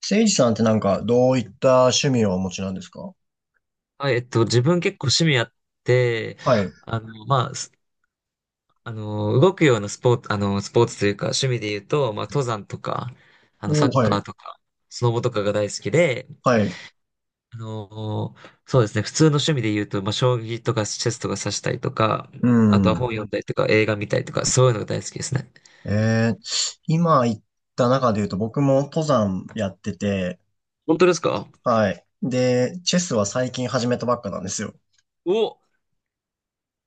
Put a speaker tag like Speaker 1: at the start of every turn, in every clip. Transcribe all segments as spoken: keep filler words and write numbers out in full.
Speaker 1: せいじさんって、なんかどういった趣味をお持ちなんですか？
Speaker 2: はい、えっと、自分結構趣味あって、
Speaker 1: はい。
Speaker 2: あの、まあ、すあの、動くようなスポーツ、あの、スポーツというか、趣味で言うと、まあ、登山とか、あの、サ
Speaker 1: おー、
Speaker 2: ッ
Speaker 1: は
Speaker 2: カーと
Speaker 1: い。
Speaker 2: か、スノボとかが大好きで、
Speaker 1: はい。
Speaker 2: あの、そうですね、普通の趣味で言うと、まあ、将棋とかチェスとか指したりとか、
Speaker 1: う
Speaker 2: あとは
Speaker 1: ん。
Speaker 2: 本読んだりとか、映画見たりとか、そういうのが大好きですね。
Speaker 1: えー、今言った中で言うと、僕も登山やってて、
Speaker 2: 本当ですか？
Speaker 1: はい。で、チェスは最近始めたばっかなんですよ。
Speaker 2: お、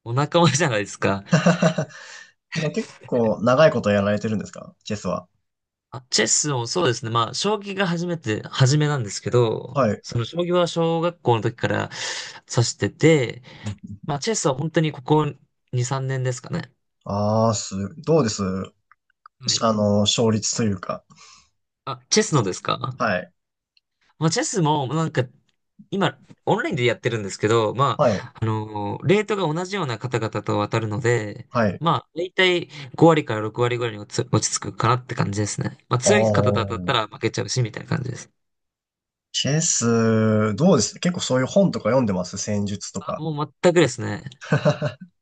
Speaker 2: お仲間じゃないですか。
Speaker 1: でも結構長いことやられてるんですか、チェスは？
Speaker 2: あ、チェスをそうですね。まあ、将棋が初めて、初めなんですけど、
Speaker 1: はい。
Speaker 2: その将棋は小学校の時から指してて、まあ、チェスは本当にここに、さんねんですかね。
Speaker 1: ああー、す、どうです
Speaker 2: は
Speaker 1: し
Speaker 2: い。
Speaker 1: あの、勝率というか？
Speaker 2: あ、チェスのですか？
Speaker 1: はい。
Speaker 2: まあ、チェスもなんか、今、オンラインでやってるんですけど、ま
Speaker 1: はい。
Speaker 2: あ、あのーレートが同じような方々と渡るので、
Speaker 1: はい。
Speaker 2: まあ、だいたいご割からろく割ぐらいに落ち落ち着くかなって感じですね。まあ、
Speaker 1: あ
Speaker 2: 強い方と当たった
Speaker 1: あ、
Speaker 2: ら負けちゃうし、みたいな感じです。
Speaker 1: チェス、どうです？結構そういう本とか読んでます？戦術と
Speaker 2: あ、
Speaker 1: か？
Speaker 2: もう全くですね。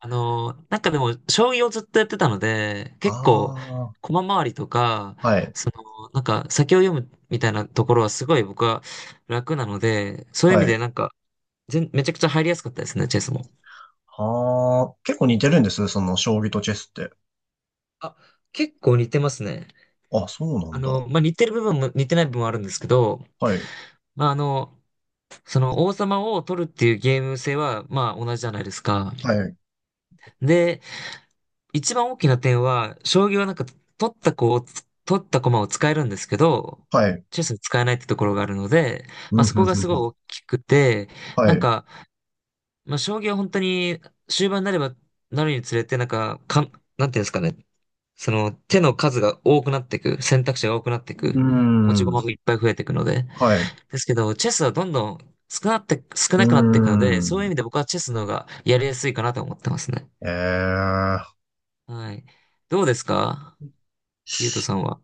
Speaker 2: あの、なんかでも、将棋をずっとやってたので、
Speaker 1: あ
Speaker 2: 結構、
Speaker 1: あ、
Speaker 2: 駒回りとか、
Speaker 1: はい、
Speaker 2: その、なんか、先を読むみたいなところはすごい僕は楽なので、そういう意味
Speaker 1: は
Speaker 2: で
Speaker 1: い。
Speaker 2: なんか、全めちゃくちゃ入りやすかったですね、チェスも。
Speaker 1: ああ、結構似てるんです、その将棋とチェスって。
Speaker 2: あ、結構似てますね。
Speaker 1: あ、そうな
Speaker 2: あ
Speaker 1: んだ。
Speaker 2: の、まあ、似てる部分も似てない部分もあるんですけど、
Speaker 1: はい、
Speaker 2: まあ、あの、その王様を取るっていうゲーム性は、まあ、同じじゃないですか。
Speaker 1: はい、
Speaker 2: で、一番大きな点は、将棋はなんか、取った子をつ、取った駒を使えるんですけど、
Speaker 1: はい。
Speaker 2: チェスは使えないってところがあるので、
Speaker 1: う
Speaker 2: まあ
Speaker 1: ん、
Speaker 2: そ
Speaker 1: ふん
Speaker 2: こが
Speaker 1: ふん
Speaker 2: すごい
Speaker 1: ふん。
Speaker 2: 大きくて、
Speaker 1: は
Speaker 2: な
Speaker 1: い。
Speaker 2: ん
Speaker 1: う
Speaker 2: か、まあ将棋は本当に終盤になればなるにつれて、なんか、かん、なんていうんですかね、その手の数が多くなっていく、選択肢が多くなってい
Speaker 1: ー
Speaker 2: く、持ち
Speaker 1: ん、
Speaker 2: 駒もいっぱい増えていくので、
Speaker 1: はい。う
Speaker 2: ですけど、チェスはどんどん少なって、少
Speaker 1: ー
Speaker 2: なくなっていくので、そういう意
Speaker 1: ん。
Speaker 2: 味で僕はチェスの方がやりやすいかなと思ってますね。
Speaker 1: ええ、
Speaker 2: はい。どうですか、ゆうとさんは？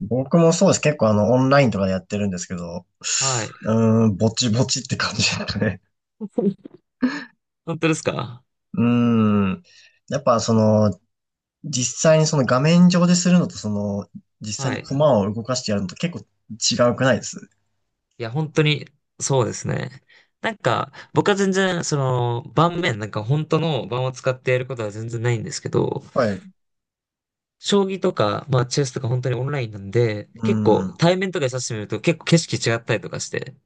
Speaker 1: 僕もそうです。結構あの、オンラインとかでやってるんですけど、
Speaker 2: はい。
Speaker 1: うーん、ぼちぼちって感じですかね。
Speaker 2: 本当ですか？
Speaker 1: うーん。やっぱその、実際にその画面上でするのと、その、実際
Speaker 2: は
Speaker 1: に
Speaker 2: い。
Speaker 1: 駒を動かしてやるのと結構違うくないです？
Speaker 2: いや、本当に、そうですね。なんか、僕は全然、その、盤面、なんか本当の盤を使ってやることは全然ないんですけど、
Speaker 1: はい。
Speaker 2: 将棋とか、まあ、チェスとか本当にオンラインなんで、
Speaker 1: う
Speaker 2: 結構、
Speaker 1: ん。
Speaker 2: 対面とかで指してみると結構景色違ったりとかして、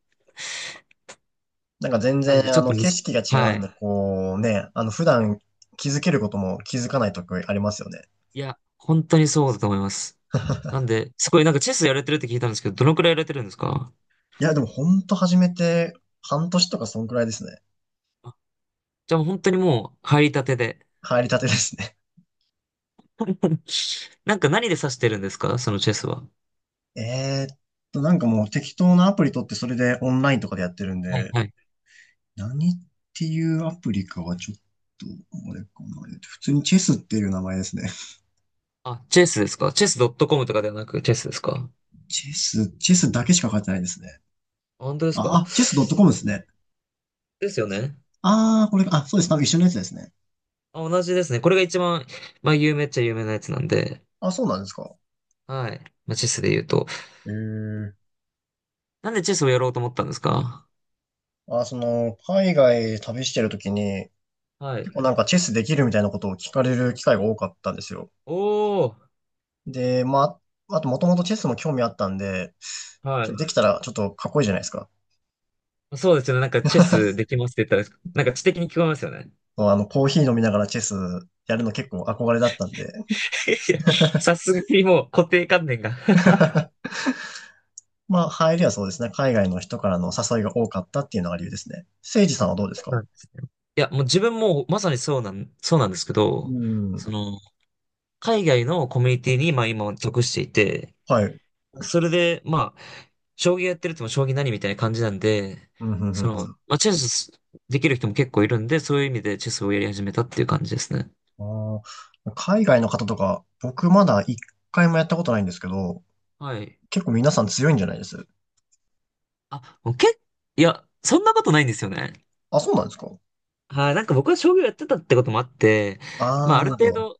Speaker 1: なんか全
Speaker 2: なんで
Speaker 1: 然、
Speaker 2: ち
Speaker 1: あ
Speaker 2: ょっ
Speaker 1: の、
Speaker 2: とむ
Speaker 1: 景
Speaker 2: ず、
Speaker 1: 色が違
Speaker 2: は
Speaker 1: うん
Speaker 2: い。
Speaker 1: で、こうね、あの、普段気づけることも気づかないとこありますよね。
Speaker 2: いや、本当にそうだと思います。なんで、すごい、なんかチェスやれてるって聞いたんですけど、どのくらいやれてるんですか？
Speaker 1: いや、でもほんと始めてはんとしとかそんくらいですね。
Speaker 2: じゃあ本当にもう、入りたてで。
Speaker 1: 入りたてですね。
Speaker 2: なんか何で指してるんですか、そのチェスは？
Speaker 1: えーっと、なんかもう適当なアプリ取って、それでオンラインとかでやってるん
Speaker 2: はい
Speaker 1: で、
Speaker 2: はい。
Speaker 1: 何っていうアプリかはちょっと、あれかな。えっと普通にチェスっていう名前ですね。
Speaker 2: あ、チェスですか？チェスドットコムとかではなくチェスですか？あ
Speaker 1: チェス、チェスだけしか書いてないですね。
Speaker 2: 本当ですか？
Speaker 1: あ、あチェスドットコム ですね。
Speaker 2: ですよね。
Speaker 1: あー、これ、あ、そうです。なんか一緒のやつですね。
Speaker 2: あ、同じですね。これが一番、まあ、有名っちゃ有名なやつなんで。
Speaker 1: あ、そうなんですか。
Speaker 2: はい。まあ、チェスで言うと。
Speaker 1: えー、
Speaker 2: なんでチェスをやろうと思ったんですか？
Speaker 1: あ、その、海外旅してるときに、
Speaker 2: は
Speaker 1: 結
Speaker 2: い。
Speaker 1: 構なんかチェスできるみたいなことを聞かれる機会が多かったんですよ。
Speaker 2: おー。
Speaker 1: で、まあ、あと、もともとチェスも興味あったんで、ち
Speaker 2: は
Speaker 1: ょっとで
Speaker 2: い。
Speaker 1: きたらちょっとかっこいいじゃないですか。
Speaker 2: そうですよね。なんかチェスできますって言ったら、なんか知的に聞こえますよね。
Speaker 1: まあの、コーヒー飲みながらチェスやるの結構憧れだったんで、
Speaker 2: いや、さすがにもう固定観念が。
Speaker 1: まあ、入りはそうですね。海外の人からの誘いが多かったっていうのが理由ですね。せいじさ
Speaker 2: あ、
Speaker 1: んはどうです
Speaker 2: そうな
Speaker 1: か？
Speaker 2: んですね。いや、もう自分もまさにそうなん、そうなんですけ
Speaker 1: う
Speaker 2: ど、
Speaker 1: ん。
Speaker 2: その、海外のコミュニティに、まあ今属していて、
Speaker 1: はい。
Speaker 2: それで、まあ、将棋やってるとも将棋何みたいな感じなんで、
Speaker 1: うん、うん、うん、
Speaker 2: そ
Speaker 1: う
Speaker 2: の、
Speaker 1: ん。
Speaker 2: まあチェスできる人も結構いるんで、そういう意味でチェスをやり始めたっていう感じですね。
Speaker 1: あー、海外の方とか、僕まだ一回もやったことないんですけど、
Speaker 2: はい。
Speaker 1: 結構皆さん強いんじゃないです？
Speaker 2: あ、もうけっ、いや、そんなことないんですよね。
Speaker 1: あ、そうなんですか？
Speaker 2: はい、なんか僕は将棋をやってたってこともあって、まあ
Speaker 1: ああ、
Speaker 2: あ
Speaker 1: な
Speaker 2: る
Speaker 1: るほ
Speaker 2: 程
Speaker 1: ど。
Speaker 2: 度、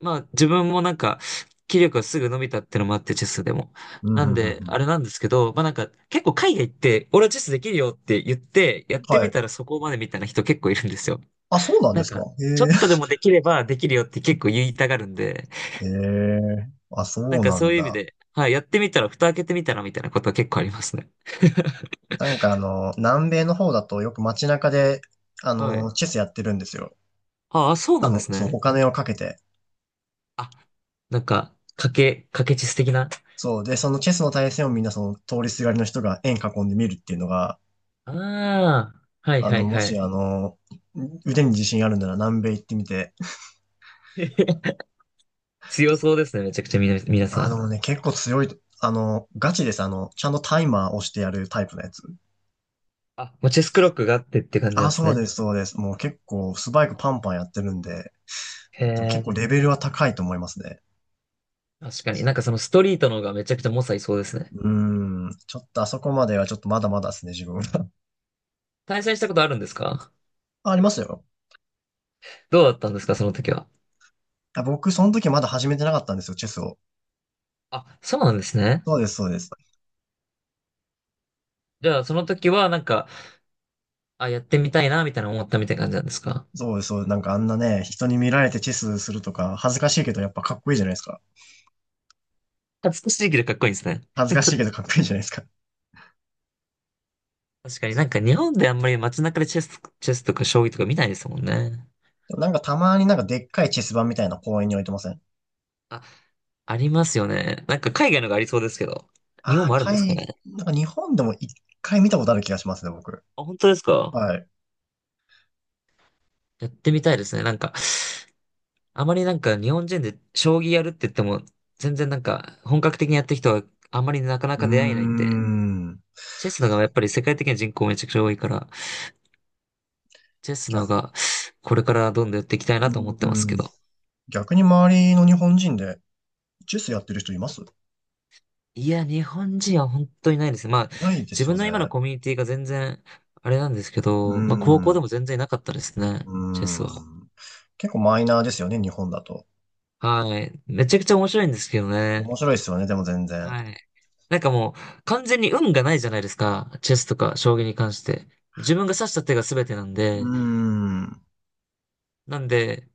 Speaker 2: まあ自分もなんか、気力がすぐ伸びたってのもあって、チェスでも。
Speaker 1: うん、うん、
Speaker 2: な
Speaker 1: う
Speaker 2: ん
Speaker 1: ん、
Speaker 2: で、
Speaker 1: う
Speaker 2: あ
Speaker 1: ん。
Speaker 2: れなんですけど、まあなんか、結構海外行って、俺はチェスできるよって言って、やって
Speaker 1: は
Speaker 2: み
Speaker 1: い。
Speaker 2: たらそこまでみたいな人結構いるんですよ。
Speaker 1: あ、そうなん
Speaker 2: な
Speaker 1: で
Speaker 2: ん
Speaker 1: すか？
Speaker 2: か、ちょ
Speaker 1: へ
Speaker 2: っとでもできればできるよって結構言いたがるんで、
Speaker 1: え。へえ。あ、そ
Speaker 2: なん
Speaker 1: う
Speaker 2: か
Speaker 1: な
Speaker 2: そう
Speaker 1: ん
Speaker 2: いう意味
Speaker 1: だ。
Speaker 2: で、はい、やってみたら、蓋開けてみたらみたいなことは結構ありますね。
Speaker 1: なんかあの、南米の方だとよく街中で、あ
Speaker 2: はい。
Speaker 1: の、チェスやってるんですよ。
Speaker 2: ああ、そう
Speaker 1: 多
Speaker 2: なんで
Speaker 1: 分、
Speaker 2: す
Speaker 1: そう、
Speaker 2: ね。
Speaker 1: お金をかけて。
Speaker 2: あ、なんか、賭け、賭けチェス的な。
Speaker 1: そう。で、そのチェスの対戦を、みんなその通りすがりの人が円囲んで見るっていうのが、
Speaker 2: ああ、はい
Speaker 1: あ
Speaker 2: は
Speaker 1: の、
Speaker 2: い
Speaker 1: も
Speaker 2: は
Speaker 1: し
Speaker 2: い。
Speaker 1: あの、腕に自信あるなら南米行ってみて。
Speaker 2: 強そうですね、めちゃくちゃみな、皆さ
Speaker 1: あ
Speaker 2: ん。
Speaker 1: のね、結構強い、あの、ガチです。あの、ちゃんとタイマー押してやるタイプのやつ。
Speaker 2: あ、もうチェスクロックがあってって感じな
Speaker 1: あ、
Speaker 2: んです
Speaker 1: そうで
Speaker 2: ね。
Speaker 1: す、そうです。もう結構スパイクパンパンやってるんで、
Speaker 2: へ
Speaker 1: でも結
Speaker 2: え、
Speaker 1: 構レベルは高いと思いますね。
Speaker 2: 確かに。なんかそのストリートの方がめちゃくちゃ猛者いそうですね。
Speaker 1: うーん。ちょっとあそこまではちょっとまだまだですね、自分。
Speaker 2: 対戦したことあるんですか？
Speaker 1: あ、ありますよ。
Speaker 2: どうだったんですか、その時は？
Speaker 1: あ、僕、その時まだ始めてなかったんですよ、チェスを。
Speaker 2: あ、そうなんですね。
Speaker 1: そうです、そうです。
Speaker 2: じゃあその時はなんか、あ、やってみたいな、みたいな思ったみたいな感じなんですか？
Speaker 1: そうです、そうです。なんかあんなね、人に見られてチェスするとか、恥ずかしいけどやっぱかっこいいじゃないですか。
Speaker 2: 恥ずかしいけどかっこいいですね。
Speaker 1: 恥ずかしいけどかっこいいじゃないですか。
Speaker 2: 確かになんか日本であんまり街中でチェス、チェスとか将棋とか見ないですもんね。
Speaker 1: でもなんかたまに、なんかでっかいチェス盤みたいな、公園に置いてません？
Speaker 2: あ、ありますよね。なんか海外のがありそうですけど。日本
Speaker 1: あ
Speaker 2: もあ
Speaker 1: あー、
Speaker 2: るんですか
Speaker 1: 海、
Speaker 2: ね？
Speaker 1: なんか日本でも一回見たことある気がしますね、僕。
Speaker 2: あ、本当ですか？
Speaker 1: はい。う
Speaker 2: やってみたいですね。なんか、あまりなんか日本人で将棋やるって言っても、全然なんか本格的にやってる人はあんまりなかな
Speaker 1: ー
Speaker 2: か出会えないんで、
Speaker 1: ん。
Speaker 2: チェスの方がやっぱり世界的な人口めちゃくちゃ多いから、チェスの方がこれからどんどんやっていきたい
Speaker 1: う
Speaker 2: なと思ってます
Speaker 1: ん。
Speaker 2: けど。
Speaker 1: 逆に周りの日本人で、チェスやってる人いますい？
Speaker 2: いや、日本人は本当にないですね。まあ、
Speaker 1: ないで
Speaker 2: 自
Speaker 1: すよ
Speaker 2: 分の今の
Speaker 1: ね。
Speaker 2: コミュニティが全然あれなんですけ
Speaker 1: う
Speaker 2: ど、まあ高校で
Speaker 1: ん。
Speaker 2: も全然いなかったですね、
Speaker 1: う
Speaker 2: チェス
Speaker 1: ん。
Speaker 2: は。
Speaker 1: 結構マイナーですよね、日本だと。
Speaker 2: はい。めちゃくちゃ面白いんですけどね。
Speaker 1: 面白いですよね、でも全然。
Speaker 2: はい。なんかもう、完全に運がないじゃないですか。チェスとか将棋に関して。自分が指した手が全てなん
Speaker 1: う
Speaker 2: で、
Speaker 1: ん。は
Speaker 2: なんで、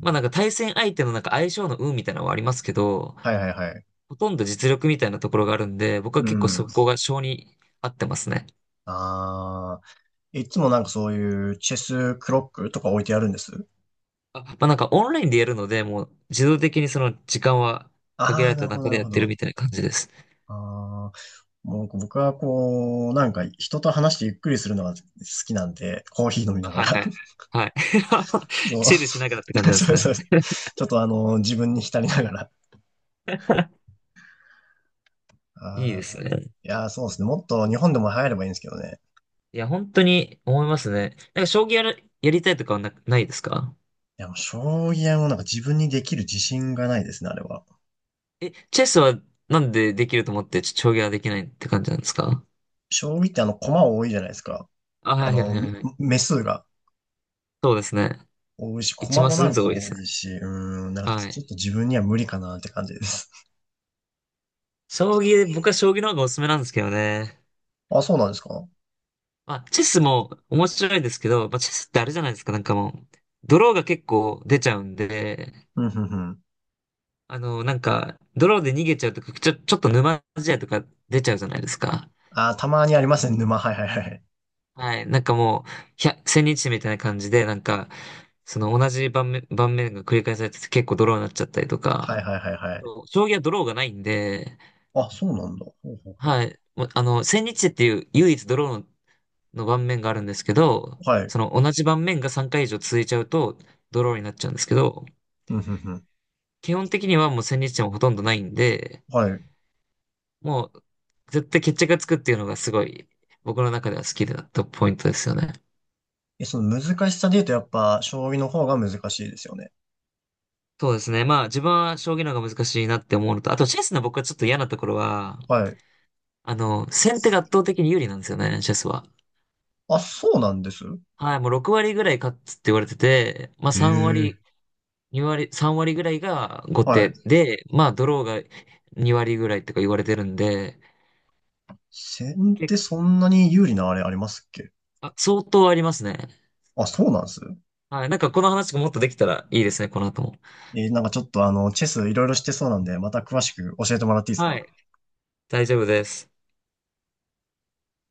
Speaker 2: まあなんか対戦相手のなんか相性の運みたいなのはありますけど、
Speaker 1: いはいはい。
Speaker 2: ほとんど実力みたいなところがあるんで、僕は
Speaker 1: う
Speaker 2: 結構
Speaker 1: ん。
Speaker 2: そこが性に合ってますね。
Speaker 1: ああ。いつもなんかそういうチェスクロックとか置いてあるんです？
Speaker 2: あ、まあなんかオンラインでやるので、もう自動的にその時間は限ら
Speaker 1: ああ、
Speaker 2: れ
Speaker 1: な
Speaker 2: た
Speaker 1: るほど、
Speaker 2: 中
Speaker 1: な
Speaker 2: で
Speaker 1: る
Speaker 2: やっ
Speaker 1: ほ
Speaker 2: てる
Speaker 1: ど。
Speaker 2: みたいな感じです。
Speaker 1: ああ、もう僕はこう、なんか人と話してゆっくりするのが好きなんで、コーヒー飲み
Speaker 2: あ
Speaker 1: なが
Speaker 2: はい
Speaker 1: ら。
Speaker 2: はい。はい。
Speaker 1: そう。
Speaker 2: チルしながらって感じ なんです
Speaker 1: そうそ
Speaker 2: ね。
Speaker 1: う。ちょっとあの、自分に浸りながら。
Speaker 2: いいで
Speaker 1: あ
Speaker 2: すね。
Speaker 1: ーいやー、そうですね。もっと日本でも流行ればいいんですけどね。
Speaker 2: いや、本当に思いますね。なんか、将棋やる、やりたいとかはな、ないですか？
Speaker 1: いや、もう将棋はもうなんか自分にできる自信がないですね、あれは。
Speaker 2: え、チェスはなんでできると思って、ちょ将棋はできないって感じなんですか。
Speaker 1: 将棋ってあの、駒多いじゃないですか。
Speaker 2: あ、
Speaker 1: あ
Speaker 2: はいはい
Speaker 1: の、
Speaker 2: はいはい。
Speaker 1: 目数が
Speaker 2: そうですね。
Speaker 1: 多いし、
Speaker 2: 一
Speaker 1: 駒
Speaker 2: マ
Speaker 1: も
Speaker 2: ス
Speaker 1: な
Speaker 2: ず
Speaker 1: ん
Speaker 2: つ
Speaker 1: か
Speaker 2: 多いで
Speaker 1: 多
Speaker 2: すね。
Speaker 1: いし、うーん、なんか
Speaker 2: は
Speaker 1: ち
Speaker 2: い。
Speaker 1: ょっと自分には無理かなって感じです。
Speaker 2: 将棋、僕は将棋の方がおすすめなんですけどね。
Speaker 1: あ、そうなんですか？
Speaker 2: まあ、チェスも面白いですけど、まあ、チェスってあれじゃないですか、なんかもう、ドローが結構出ちゃうんで、
Speaker 1: うん、うん、うん。
Speaker 2: あの、なんか、ドローで逃げちゃうとか、ちょ、ちょっと沼地やとか出ちゃうじゃないですか。
Speaker 1: あー、たまにありますね、沼。はいはいはい。
Speaker 2: はい。なんかもう、ひゃ、千日みたいな感じで、なんか、その同じ盤面、盤面が繰り返されてて結構ドローになっちゃったりと
Speaker 1: は
Speaker 2: か、
Speaker 1: いはいはいはい。
Speaker 2: そう将棋はドローがないんで、
Speaker 1: あ、そうなんだ。ほうほうほう。
Speaker 2: はい。もうあの、千日っていう唯一ドローの、の盤面があるんですけど、
Speaker 1: はい。
Speaker 2: その同じ盤面がさんかい以上続いちゃうとドローになっちゃうんですけど、
Speaker 1: うん、うん、うん。
Speaker 2: 基本的にはもう千日もほとんどないんで、
Speaker 1: はい。
Speaker 2: もう絶対決着がつくっていうのがすごい僕の中では好きだったポイントですよね。
Speaker 1: え、その難しさで言うとやっぱ、将棋の方が難しいですよね。
Speaker 2: そうですね。まあ、自分は将棋の方が難しいなって思うのと、あとチェスの僕はちょっと嫌なところは、
Speaker 1: はい。
Speaker 2: あの、先手が圧倒的に有利なんですよね、チェスは。
Speaker 1: あ、そうなんです。
Speaker 2: はい、もうろく割ぐらい勝つって言われてて、まあ
Speaker 1: え
Speaker 2: さん
Speaker 1: え。
Speaker 2: 割、に割、さん割ぐらいが後
Speaker 1: は
Speaker 2: 手
Speaker 1: い。
Speaker 2: で、まあドローがに割ぐらいとか言われてるんで、
Speaker 1: 先手
Speaker 2: 結
Speaker 1: そんなに有利なあれありますっけ？
Speaker 2: あ、相当ありますね。
Speaker 1: あ、そうなんです。
Speaker 2: はい、なんかこの話がもっとできたらいいですね、この後も。
Speaker 1: えーなんかちょっとあの、チェスいろいろしてそうなんで、また詳しく教えてもらっていいです
Speaker 2: は
Speaker 1: か？
Speaker 2: い、大丈夫です。